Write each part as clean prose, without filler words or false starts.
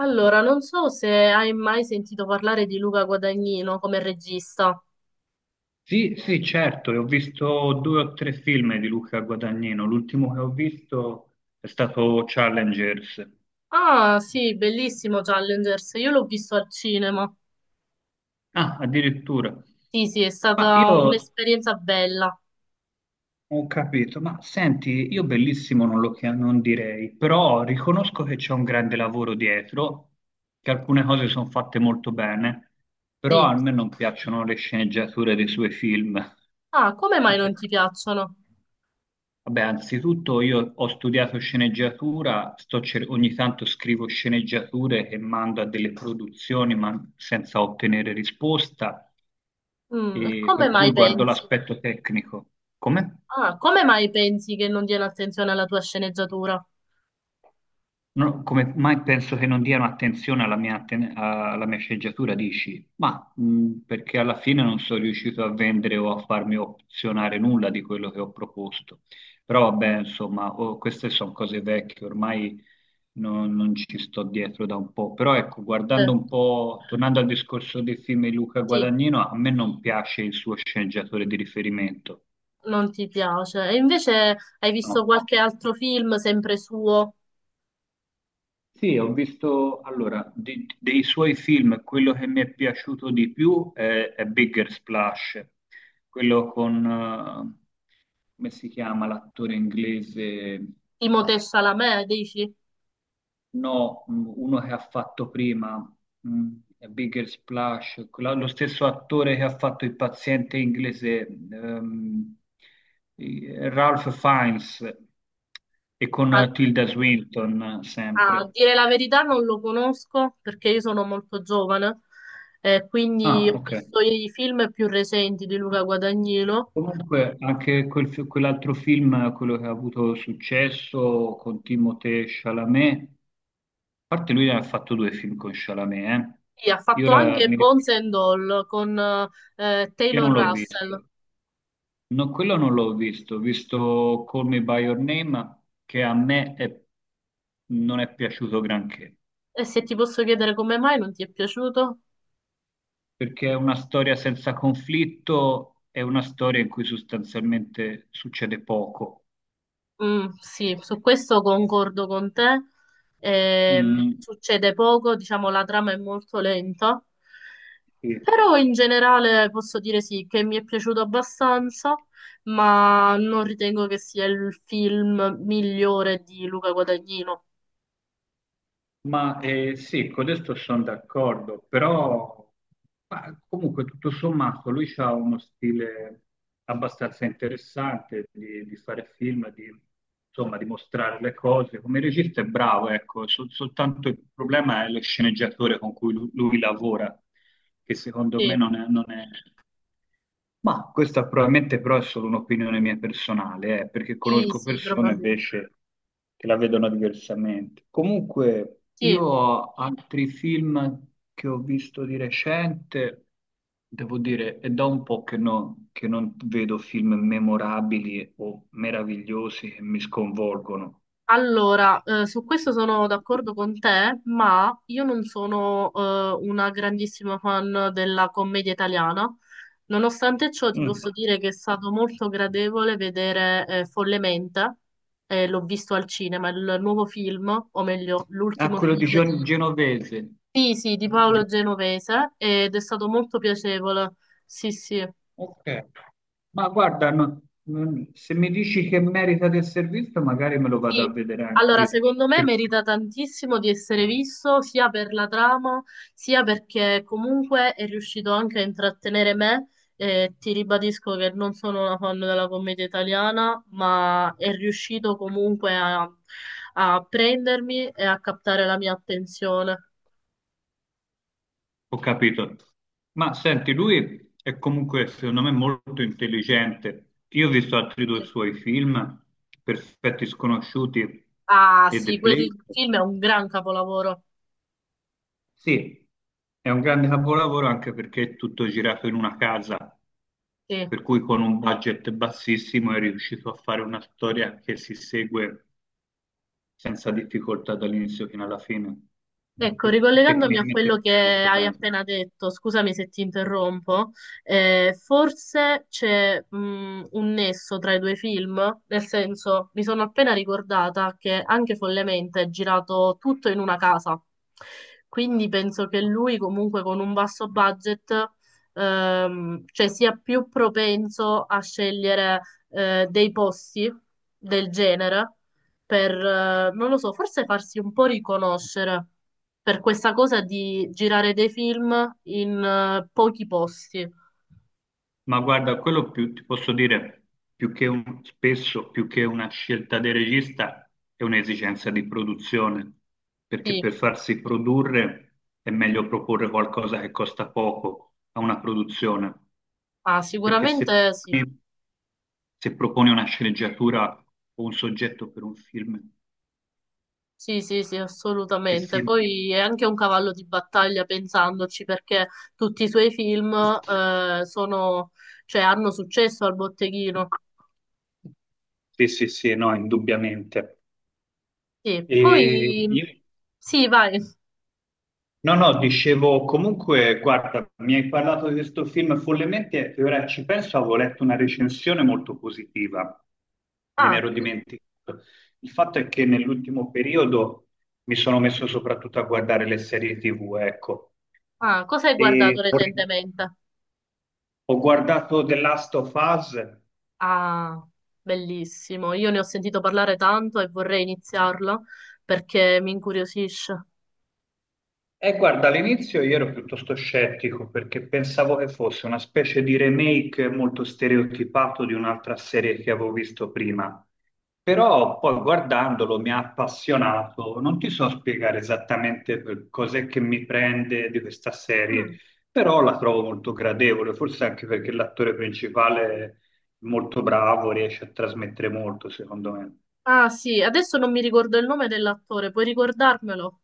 Allora, non so se hai mai sentito parlare di Luca Guadagnino come regista. Sì, sì, certo, e ho visto due o tre film di Luca Guadagnino. L'ultimo che ho visto è stato Challengers. Ah, sì, bellissimo Challengers, io l'ho visto al cinema. Ah, addirittura. Sì, sì, è Ma stata io un'esperienza bella. ho capito, ma senti, io bellissimo non lo chia- non direi, però riconosco che c'è un grande lavoro dietro, che alcune cose sono fatte molto bene, però Sì. a me non piacciono le sceneggiature dei suoi film. Ah, come mai non ti piacciono? Vabbè, anzitutto io ho studiato sceneggiatura, ogni tanto scrivo sceneggiature e mando a delle produzioni ma senza ottenere risposta, E e come per mai cui guardo pensi? l'aspetto tecnico. Come? Ah, come mai pensi che non diano attenzione alla tua sceneggiatura? No, come mai penso che non diano attenzione alla mia sceneggiatura, dici? Ma perché alla fine non sono riuscito a vendere o a farmi opzionare nulla di quello che ho proposto. Però vabbè, insomma, oh, queste sono cose vecchie, ormai non ci sto dietro da un po'. Però ecco, guardando Eh, un po', tornando al discorso dei film di Luca sì, Guadagnino, a me non piace il suo sceneggiatore di riferimento, non ti piace. E invece hai visto no? qualche altro film sempre suo? Sì, ho visto allora dei suoi film, quello che mi è piaciuto di più è Bigger Splash, quello con, come si chiama l'attore inglese? Timothée Chalamet, dici? No, uno che ha fatto prima, mh, è Bigger Splash, lo stesso attore che ha fatto il paziente inglese, Ralph Fiennes, e con Ah, Tilda Swinton sempre. a dire la verità non lo conosco perché io sono molto giovane, quindi Ah, ho ok. visto i film più recenti di Luca Guadagnino Comunque, anche quell'altro film, quello che ha avuto successo con Timothée Chalamet, a parte lui ne ha fatto due film con Chalamet, eh. e ha Io fatto ora anche mi rif- Bones and All con Che Taylor non l'ho Russell. visto. No, quello non l'ho visto, ho visto Call Me By Your Name, che a me non è piaciuto granché, E se ti posso chiedere come mai non ti è piaciuto? perché è una storia senza conflitto, è una storia in cui sostanzialmente succede poco. Sì, su questo concordo con te. Mm, Succede poco, diciamo, la trama è molto lenta, sì. però in generale posso dire sì, che mi è piaciuto abbastanza, ma non ritengo che sia il film migliore di Luca Guadagnino. Ma sì, con questo sono d'accordo, però ma comunque tutto sommato lui ha uno stile abbastanza interessante di fare film, di, insomma, di mostrare le cose. Come regista è bravo, ecco, soltanto il problema è lo sceneggiatore con cui lui, lavora, che secondo Sì, me non è ma questa probabilmente però è solo un'opinione mia personale, perché sì, conosco sì, persone probabilmente. invece che la vedono diversamente. Comunque, io Sì. ho altri film che ho visto di recente, devo dire, è da un po' che non vedo film memorabili o meravigliosi che mi sconvolgono. Allora, su questo sono d'accordo con te, ma io non sono una grandissima fan della commedia italiana. Nonostante ciò, ti Mm. posso dire che è stato molto gradevole vedere Follemente, l'ho visto al cinema, il nuovo film, o meglio, Ah, l'ultimo quello di film di, Genovese. sì, sì, di Paolo Genovese, ed è stato molto piacevole. Sì, sì. Ok. Ma guarda, no, se mi dici che merita del servizio, magari me lo vado Sì, a vedere allora anch'io, secondo me perché merita tantissimo di essere visto sia per la trama, sia perché comunque è riuscito anche a intrattenere me. Ti ribadisco che non sono una fan della commedia italiana, ma è riuscito comunque a, a prendermi e a captare la mia attenzione. ho capito. Ma senti, lui è comunque, secondo me, molto intelligente. Io ho visto altri due Sì. suoi film, Perfetti Sconosciuti Ah e The sì, quel Place. film è un gran capolavoro. Sì, è un grande capolavoro anche perché è tutto girato in una casa, Sì. per cui con un budget bassissimo è riuscito a fare una storia che si segue senza difficoltà dall'inizio fino alla fine. Ecco, ricollegandomi a Tecnicamente quello è che molto hai bene. appena detto, scusami se ti interrompo, forse c'è un nesso tra i due film, nel senso, mi sono appena ricordata che anche Follemente è girato tutto in una casa, quindi penso che lui comunque con un basso budget, cioè sia più propenso a scegliere dei posti del genere per, non lo so, forse farsi un po' riconoscere per questa cosa di girare dei film in pochi posti. Ma guarda, quello più, ti posso dire, spesso, più che una scelta del regista, è un'esigenza di produzione, perché Sì, per farsi produrre è meglio proporre qualcosa che costa poco a una produzione, ah, perché se, sicuramente sì. se proponi una sceneggiatura o un soggetto per un film Sì, sì, sì, che assolutamente. si... Poi è anche un cavallo di battaglia pensandoci perché tutti i suoi film sono, cioè, hanno successo al botteghino. Sì, sì, sì, no, indubbiamente. Sì, E poi io- sì, vai. no, no, dicevo comunque, guarda, mi hai parlato di questo film follemente e ora ci penso, avevo letto una recensione molto positiva, me ne Ah, ero dimenticato. Il fatto è che nell'ultimo periodo mi sono messo soprattutto a guardare le serie TV, ecco, ah, cosa hai e guardato ho recentemente? ho guardato The Last of Us. Ah, bellissimo. Io ne ho sentito parlare tanto e vorrei iniziarlo perché mi incuriosisce. Guarda, all'inizio io ero piuttosto scettico perché pensavo che fosse una specie di remake molto stereotipato di un'altra serie che avevo visto prima, però poi guardandolo mi ha appassionato. Non ti so spiegare esattamente cos'è che mi prende di questa Mm. serie, però la trovo molto gradevole, forse anche perché l'attore principale è molto bravo, riesce a trasmettere molto, secondo me. Ah, sì, adesso non mi ricordo il nome dell'attore, puoi ricordarmelo?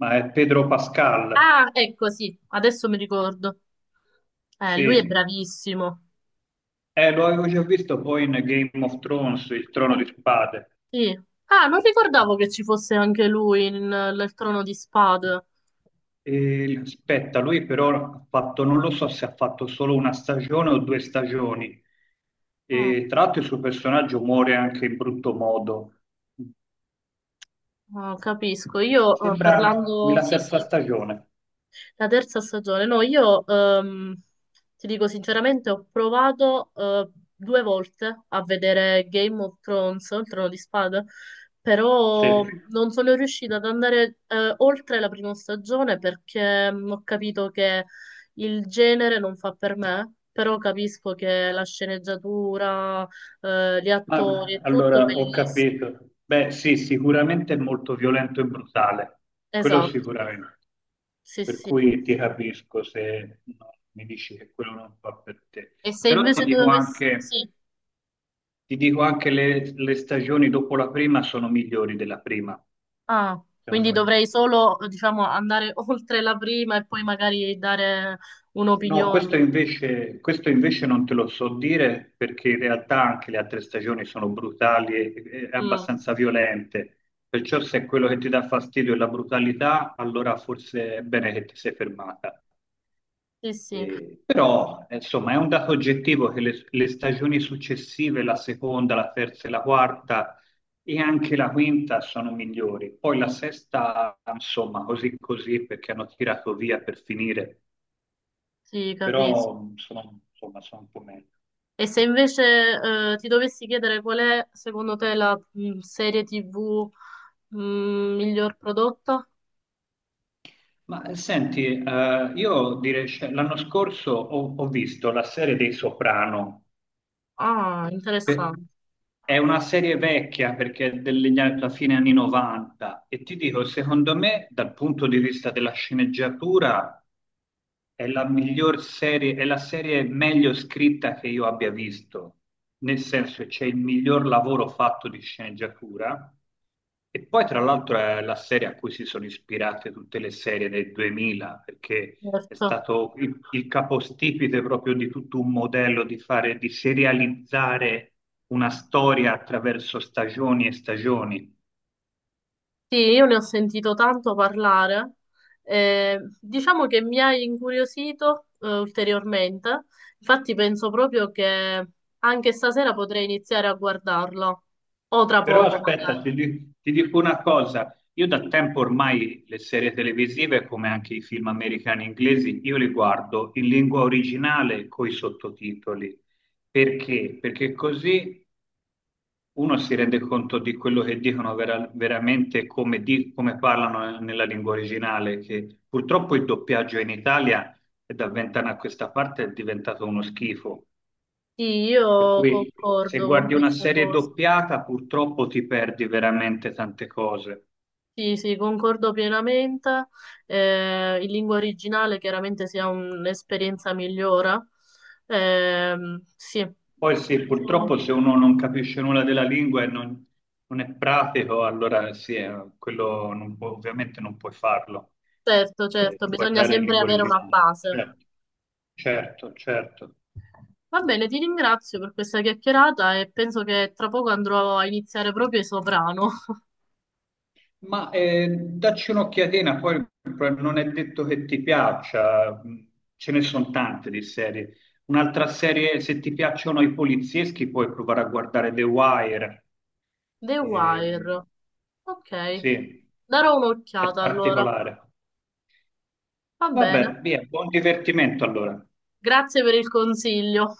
Ma è Pedro Pascal, Ah, ecco, sì, adesso mi ricordo. Lui è sì. bravissimo. Lo avevo già visto poi in Game of Thrones, il trono di spade. Sì. Ah, non ricordavo che ci fosse anche lui in, nel Trono di Spade. E aspetta, lui però ha fatto, non lo so se ha fatto solo una stagione o due stagioni. Oh, E tra l'altro il suo personaggio muore anche in brutto modo. oh, capisco. Io Sembra parlando... la Sì, terza sì. stagione. La terza stagione, no, io ti dico sinceramente, ho provato due volte a vedere Game of Thrones, il Trono di Spade, Sì. però non sono riuscita ad andare oltre la prima stagione perché ho capito che il genere non fa per me, però capisco che la sceneggiatura, gli attori, Ah, è tutto allora, ho bellissimo. capito. Beh, sì, sicuramente è molto violento e brutale, quello Esatto, sicuramente. sì, Per sì. cui ti capisco se no, mi dici che quello non fa per te. E se Però ti invece dico dovessi... anche, Sì. ti dico anche le stagioni dopo la prima sono migliori della prima, Ah, quindi secondo me. dovrei solo, diciamo, andare oltre la prima e poi magari dare No, un'opinione. questo invece non te lo so dire perché in realtà anche le altre stagioni sono brutali e Mm, abbastanza violente. Perciò se quello che ti dà fastidio è la brutalità, allora forse è bene che ti sei fermata. sì, sì, Però, insomma, è un dato oggettivo che le stagioni successive, la seconda, la terza e la quarta e anche la quinta sono migliori. Poi la sesta, insomma, così così perché hanno tirato via per finire sì, capisco. però sono, insomma, sono un po' meglio. E se invece ti dovessi chiedere qual è, secondo te, la serie TV miglior prodotta? Ma senti, io direi, cioè, l'anno scorso ho visto la serie dei Soprano, Ah, Pe- interessante. è una serie vecchia perché è alla fine anni 90 e ti dico, secondo me, dal punto di vista della sceneggiatura, è la miglior serie, è la serie meglio scritta che io abbia visto, nel senso che c'è il miglior lavoro fatto di sceneggiatura e poi tra l'altro è la serie a cui si sono ispirate tutte le serie del 2000, perché è Certo. stato il capostipite proprio di tutto un modello di fare, di serializzare una storia attraverso stagioni e stagioni. Sì, io ne ho sentito tanto parlare. Diciamo che mi hai incuriosito, ulteriormente. Infatti penso proprio che anche stasera potrei iniziare a guardarlo, o tra Però poco aspetta, magari. Ti dico una cosa, io da tempo ormai le serie televisive, come anche i film americani e inglesi, io li guardo in lingua originale con i sottotitoli. Perché? Perché così uno si rende conto di quello che dicono veramente come, come parlano nella lingua originale, che purtroppo il doppiaggio in Italia è da 20 anni a questa parte è diventato uno schifo. Sì, Per io cui se concordo con guardi una questa serie cosa. doppiata, purtroppo ti perdi veramente tante cose. Sì, sì, concordo pienamente. In lingua originale chiaramente sia un'esperienza migliore. Sì, Poi sì, Penso- purtroppo se uno non capisce nulla della lingua e non è pratico, allora sì, quello non può- ovviamente non puoi farlo, certo, certo, bisogna guardare in sempre lingua avere una originale. base. Certo, certo, certo. Va bene, ti ringrazio per questa chiacchierata e penso che tra poco andrò a iniziare proprio Soprano. Ma dacci un'occhiatina, poi non è detto che ti piaccia, ce ne sono tante di serie. Un'altra serie, se ti piacciono i polizieschi, puoi provare a guardare The Wire. The Wire. Ehm, Ok, sì, darò è un'occhiata allora. particolare. Va bene, Vabbè, via, buon divertimento allora. grazie per il consiglio.